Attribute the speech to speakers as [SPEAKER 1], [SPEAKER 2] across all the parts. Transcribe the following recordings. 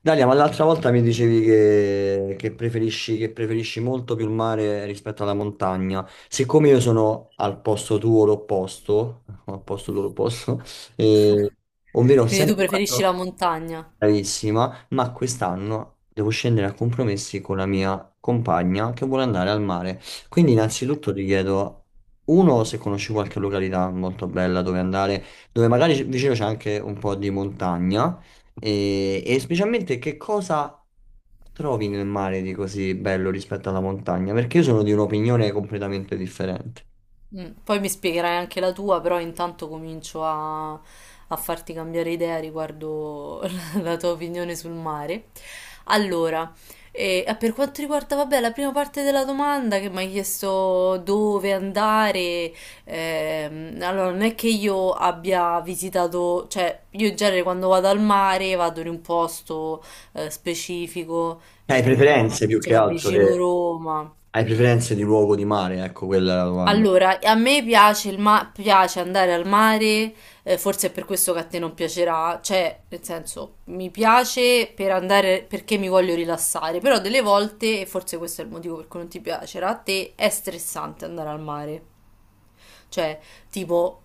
[SPEAKER 1] Dalia, ma l'altra volta mi dicevi che preferisci, che preferisci molto più il mare rispetto alla montagna. Siccome io sono al posto tuo l'opposto, al posto tuo l'opposto, eh, ovvero ho
[SPEAKER 2] Quindi tu
[SPEAKER 1] sempre
[SPEAKER 2] preferisci
[SPEAKER 1] fatto,
[SPEAKER 2] la montagna.
[SPEAKER 1] bravissima, ma quest'anno devo scendere a compromessi con la mia compagna che vuole andare al mare. Quindi innanzitutto ti chiedo, uno, se conosci qualche località molto bella dove andare, dove magari vicino c'è anche un po' di montagna, e specialmente che cosa trovi nel mare di così bello rispetto alla montagna? Perché io sono di un'opinione completamente differente.
[SPEAKER 2] Mm, poi mi spiegherai anche la tua, però intanto comincio a farti cambiare idea riguardo la tua opinione sul mare. Allora, per quanto riguarda, vabbè, la prima parte della domanda che mi hai chiesto dove andare, allora non è che io abbia visitato, cioè io in genere quando vado al mare vado in un posto specifico,
[SPEAKER 1] Hai
[SPEAKER 2] ma
[SPEAKER 1] preferenze più che
[SPEAKER 2] cioè
[SPEAKER 1] altro,
[SPEAKER 2] vicino Roma.
[SPEAKER 1] hai preferenze di luogo di mare, ecco quella è la domanda.
[SPEAKER 2] Allora, a me piace, piace andare al mare, forse è per questo che a te non piacerà, cioè, nel senso, mi piace per andare perché mi voglio rilassare, però delle volte, e forse questo è il motivo per cui non ti piacerà, a te è stressante andare al mare. Cioè, tipo,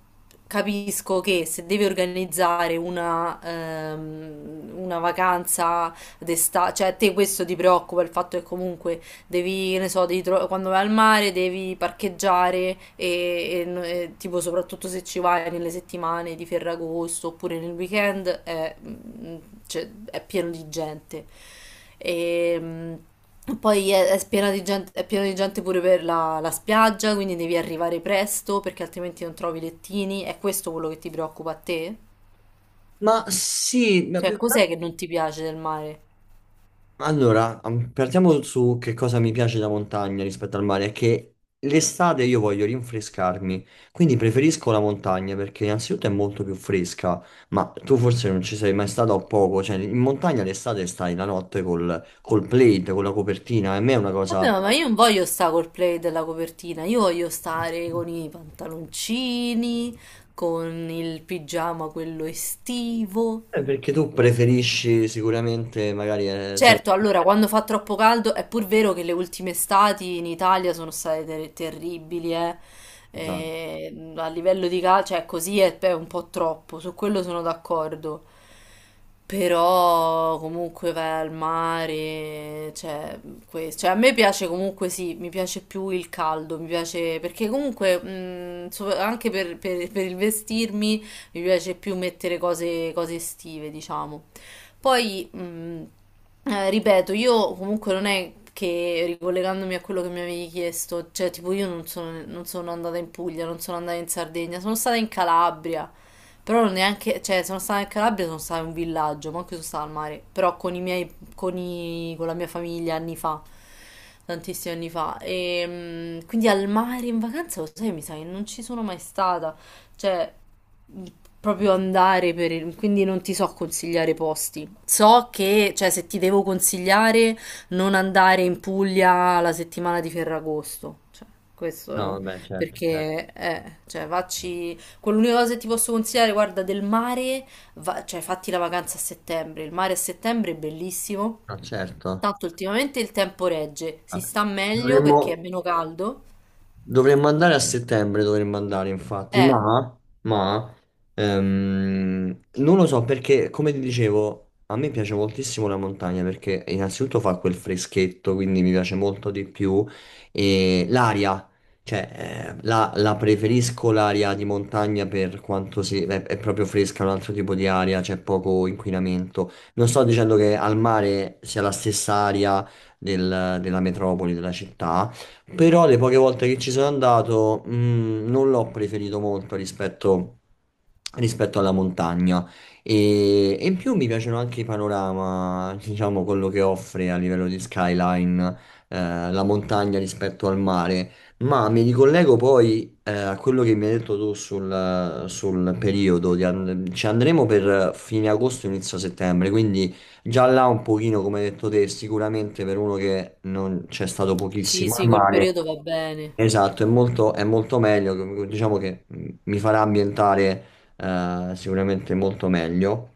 [SPEAKER 2] capisco che se devi organizzare una vacanza d'estate, cioè a te questo ti preoccupa, il fatto che comunque devi, che ne so, quando vai al mare devi parcheggiare e tipo soprattutto se ci vai nelle settimane di Ferragosto oppure nel weekend è cioè, è pieno di gente. E poi è piena di gente, è pieno di gente pure per la spiaggia, quindi devi arrivare presto perché altrimenti non trovi lettini. È questo quello che ti preoccupa a te?
[SPEAKER 1] Ma sì, ma
[SPEAKER 2] Cioè,
[SPEAKER 1] più che altro.
[SPEAKER 2] cos'è che non ti piace del mare?
[SPEAKER 1] Allora, partiamo su che cosa mi piace la montagna rispetto al mare, è che l'estate io voglio rinfrescarmi, quindi preferisco la montagna perché innanzitutto è molto più fresca, ma tu forse non ci sei mai stato o poco, cioè in montagna l'estate stai la notte col plaid, con la copertina, e a me è una
[SPEAKER 2] Vabbè,
[SPEAKER 1] cosa...
[SPEAKER 2] ma io non voglio stare col play della copertina, io voglio stare con i pantaloncini, con il pigiama quello estivo.
[SPEAKER 1] Perché tu preferisci sicuramente magari... sei...
[SPEAKER 2] Certo, allora, quando fa troppo caldo, è pur vero che le ultime estati in Italia sono state terribili, eh.
[SPEAKER 1] Esatto.
[SPEAKER 2] E, a livello di calcio, cioè così è un po' troppo, su quello sono d'accordo. Però comunque vai al mare, cioè, a me piace comunque sì, mi piace più il caldo, mi piace perché comunque anche per il vestirmi mi piace più mettere cose, cose estive, diciamo. Poi ripeto, io comunque non è che ricollegandomi a quello che mi avevi chiesto, cioè tipo io non sono, non sono andata in Puglia, non sono andata in Sardegna, sono stata in Calabria, però non neanche, cioè sono stata in Calabria, sono stata in un villaggio, ma anche sono stata al mare, però con i miei, con la mia famiglia anni fa, tantissimi anni fa, e quindi al mare in vacanza, lo sai, mi sa che non ci sono mai stata, cioè proprio andare quindi non ti so consigliare posti. So che, cioè, se ti devo consigliare, non andare in Puglia la settimana di Ferragosto. Cioè,
[SPEAKER 1] No,
[SPEAKER 2] questo è-
[SPEAKER 1] vabbè, certo, eh.
[SPEAKER 2] perché, cioè, facci... Quell'unica cosa che ti posso consigliare, guarda, del mare, cioè, fatti la vacanza a settembre. Il mare a settembre è bellissimo.
[SPEAKER 1] No, certo.
[SPEAKER 2] Tanto ultimamente il tempo regge, si
[SPEAKER 1] Vabbè.
[SPEAKER 2] sta meglio perché è
[SPEAKER 1] Dovremmo...
[SPEAKER 2] meno caldo.
[SPEAKER 1] Dovremmo andare a settembre, dovremmo andare infatti,
[SPEAKER 2] Eh,
[SPEAKER 1] ma, non lo so perché, come ti dicevo, a me piace moltissimo la montagna perché innanzitutto fa quel freschetto, quindi mi piace molto di più e l'aria, cioè la, la preferisco l'aria di montagna per quanto si, è proprio fresca, un altro tipo di aria, c'è poco inquinamento. Non sto dicendo che al mare sia la stessa aria della metropoli, della città. Però le poche volte che ci sono andato, non l'ho preferito molto rispetto, rispetto alla montagna. E in più mi piacciono anche i panorama, diciamo quello che offre a livello di skyline, eh, la montagna rispetto al mare. Ma mi ricollego poi, a quello che mi hai detto tu sul, sul periodo. Ci andremo per fine agosto, inizio settembre, quindi. Già là un pochino, come hai detto te, sicuramente per uno che non c'è stato
[SPEAKER 2] sì,
[SPEAKER 1] pochissimo al
[SPEAKER 2] sì, quel
[SPEAKER 1] mare.
[SPEAKER 2] periodo va bene.
[SPEAKER 1] Esatto, è molto meglio, diciamo che mi farà ambientare sicuramente molto meglio.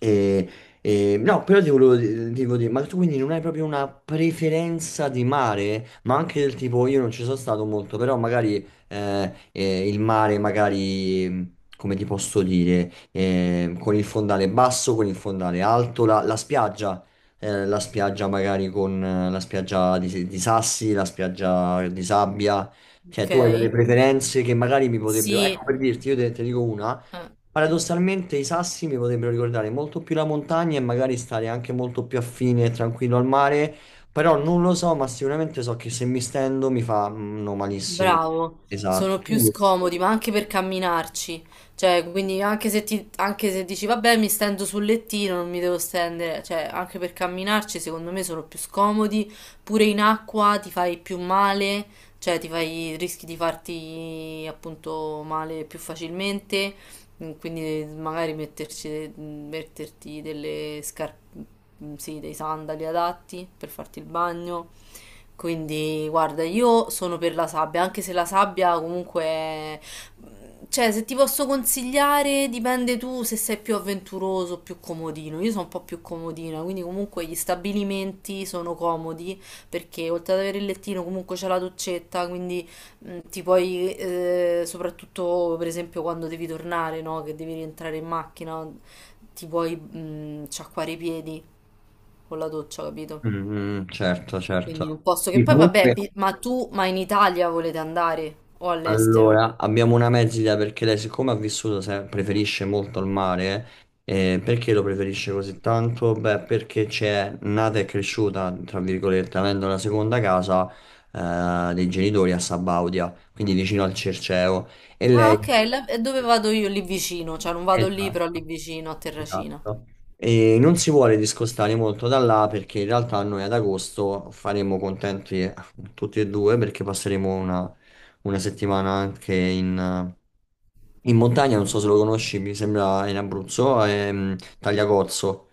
[SPEAKER 1] E, no, però ti volevo dire, ma tu quindi non hai proprio una preferenza di mare, ma anche del tipo, io non ci sono stato molto, però magari il mare, magari, come ti posso dire, con il fondale basso, con il fondale alto, la, la spiaggia magari con la spiaggia di sassi, la spiaggia di sabbia, cioè
[SPEAKER 2] Ok?
[SPEAKER 1] tu hai delle preferenze che magari mi potrebbero, ecco
[SPEAKER 2] Sì.
[SPEAKER 1] per dirti, io te dico una,
[SPEAKER 2] Eh.
[SPEAKER 1] paradossalmente i sassi mi potrebbero ricordare molto più la montagna e magari stare anche molto più affine e tranquillo al mare, però non lo so, ma sicuramente so che se mi stendo mi fa mm, no, malissimo.
[SPEAKER 2] Bravo, sono
[SPEAKER 1] Esatto.
[SPEAKER 2] più scomodi, ma anche per camminarci. Cioè, quindi anche se, ti, anche se dici, vabbè, mi stendo sul lettino, non mi devo stendere, cioè, anche per camminarci, secondo me sono più scomodi. Pure in acqua ti fai più male, cioè ti fai, rischi di farti appunto male più facilmente. Mm, quindi magari metterci, metterti delle scarpe, sì, dei sandali adatti per farti il bagno. Quindi, guarda, io sono per la sabbia, anche se la sabbia comunque... Cioè, se ti posso consigliare, dipende tu se sei più avventuroso o più comodino. Io sono un po' più comodina, quindi comunque gli stabilimenti sono comodi perché oltre ad avere il lettino comunque c'è la doccetta, quindi ti puoi, soprattutto per esempio quando devi tornare, no? Che devi rientrare in macchina, ti puoi sciacquare i piedi con la doccia, capito?
[SPEAKER 1] Mm, mm, certo,
[SPEAKER 2] Quindi
[SPEAKER 1] certo.
[SPEAKER 2] un posto che
[SPEAKER 1] Sì,
[SPEAKER 2] poi vabbè,
[SPEAKER 1] comunque.
[SPEAKER 2] ma tu, ma in Italia volete andare o all'estero?
[SPEAKER 1] Allora, abbiamo una mezz'idea perché lei, siccome ha vissuto, preferisce molto il mare. Eh, perché lo preferisce così tanto? Beh, perché c'è nata e cresciuta, tra virgolette, avendo la seconda casa, dei genitori a Sabaudia, quindi vicino al Cerceo. E
[SPEAKER 2] Ah, ok,
[SPEAKER 1] lei.
[SPEAKER 2] e dove vado io? Lì vicino, cioè non vado lì, però
[SPEAKER 1] Esatto.
[SPEAKER 2] lì vicino a Terracina.
[SPEAKER 1] Esatto. E non si vuole discostare molto da là perché in realtà noi ad agosto faremo contenti tutti e due perché passeremo una settimana anche in, in montagna, non so se lo conosci, mi sembra in Abruzzo, Tagliacozzo.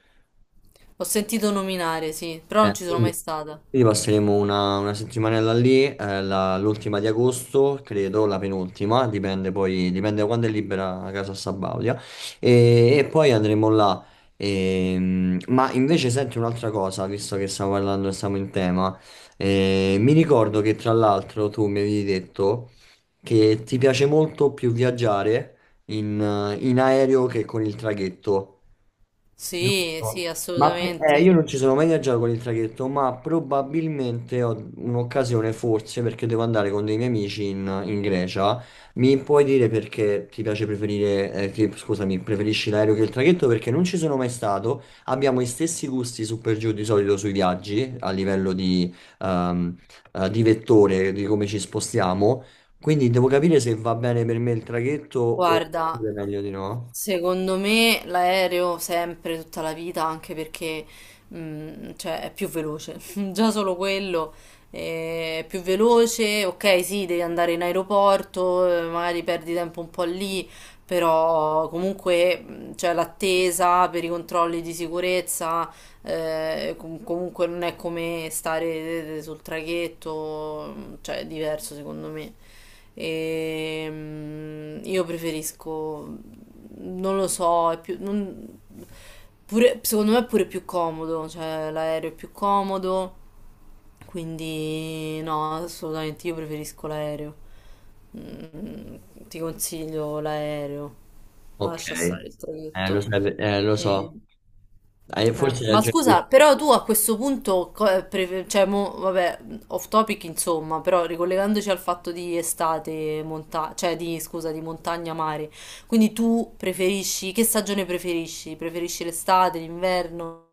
[SPEAKER 2] Ho sentito nominare, sì, però non ci sono mai
[SPEAKER 1] Quindi,
[SPEAKER 2] stata.
[SPEAKER 1] quindi passeremo una settimanella lì, l'ultima di agosto, credo, la penultima, dipende poi, dipende da quando è libera la casa a Sabaudia, e poi andremo là. Ma invece senti un'altra cosa, visto che stiamo parlando, siamo in tema, eh, mi ricordo che tra l'altro tu mi avevi detto che ti piace molto più viaggiare in aereo che con il traghetto.
[SPEAKER 2] Sì,
[SPEAKER 1] Giusto.
[SPEAKER 2] sì,
[SPEAKER 1] Io
[SPEAKER 2] assolutamente.
[SPEAKER 1] non ci sono mai viaggiato con il traghetto, ma probabilmente ho un'occasione, forse, perché devo andare con dei miei amici in, in Grecia. Mi puoi dire perché ti piace preferire, scusami, preferisci l'aereo che il traghetto? Perché non ci sono mai stato. Abbiamo gli stessi gusti su per giù di solito sui viaggi, a livello ehm, di vettore, di come ci spostiamo. Quindi devo capire se va bene per me il traghetto o
[SPEAKER 2] Guarda,
[SPEAKER 1] meglio di no.
[SPEAKER 2] secondo me l'aereo sempre, tutta la vita, anche perché cioè, è più veloce, già solo quello è più veloce, ok sì, devi andare in aeroporto, magari perdi tempo un po' lì, però comunque c'è l'attesa per i controlli di sicurezza, comunque non è come stare sul traghetto, cioè è diverso secondo me. E, io preferisco, non lo so, è più, non- secondo me è pure più comodo, cioè l'aereo è più comodo, quindi no, assolutamente io preferisco l'aereo. Mm, ti consiglio l'aereo, ma
[SPEAKER 1] Ok,
[SPEAKER 2] lascia stare il traghetto.
[SPEAKER 1] lo
[SPEAKER 2] E-
[SPEAKER 1] so, eh, forse hai
[SPEAKER 2] Ma
[SPEAKER 1] ragione tu.
[SPEAKER 2] scusa, però tu a questo punto, cioè, mo, vabbè, off topic insomma, però ricollegandoci al fatto di estate, cioè di, scusa, di montagna, mare, quindi tu preferisci, che stagione preferisci? Preferisci l'estate, l'inverno,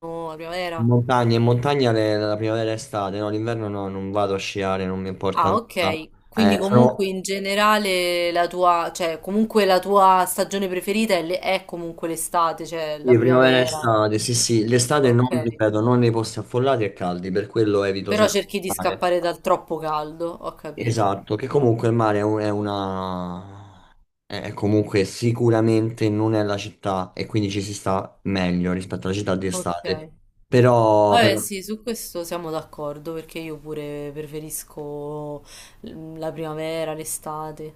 [SPEAKER 2] la primavera?
[SPEAKER 1] In montagna la primavera e estate, no, l'inverno no, non vado a sciare, non mi importa
[SPEAKER 2] Ah,
[SPEAKER 1] nulla.
[SPEAKER 2] ok, quindi comunque
[SPEAKER 1] Sono
[SPEAKER 2] in generale la tua, cioè comunque la tua stagione preferita è comunque l'estate, cioè la
[SPEAKER 1] sì, primavera e
[SPEAKER 2] primavera,
[SPEAKER 1] estate, sì sì, l'estate non,
[SPEAKER 2] ok,
[SPEAKER 1] ripeto, non nei posti affollati e caldi, per quello evito
[SPEAKER 2] però
[SPEAKER 1] sempre
[SPEAKER 2] cerchi di
[SPEAKER 1] il mare.
[SPEAKER 2] scappare dal troppo caldo, ho capito.
[SPEAKER 1] Esatto, che comunque il mare è è una... è comunque sicuramente non è la città e quindi ci si sta meglio rispetto alla città di estate.
[SPEAKER 2] Ok.
[SPEAKER 1] Però,
[SPEAKER 2] Vabbè,
[SPEAKER 1] però
[SPEAKER 2] sì, su questo siamo d'accordo perché io pure preferisco la primavera, l'estate,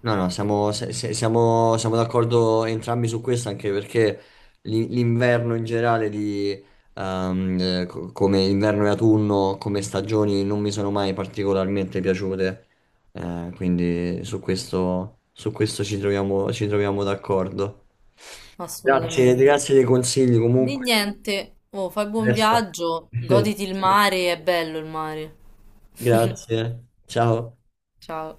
[SPEAKER 1] no, no, siamo, siamo d'accordo entrambi su questo, anche perché l'inverno in generale, di, come inverno e autunno, come stagioni, non mi sono mai particolarmente piaciute. Quindi su questo ci troviamo d'accordo. Grazie,
[SPEAKER 2] assolutamente.
[SPEAKER 1] grazie dei consigli
[SPEAKER 2] Di
[SPEAKER 1] comunque.
[SPEAKER 2] niente, oh, fai buon
[SPEAKER 1] Adesso...
[SPEAKER 2] viaggio, goditi il mare, è bello il mare.
[SPEAKER 1] Grazie, ciao.
[SPEAKER 2] Ciao.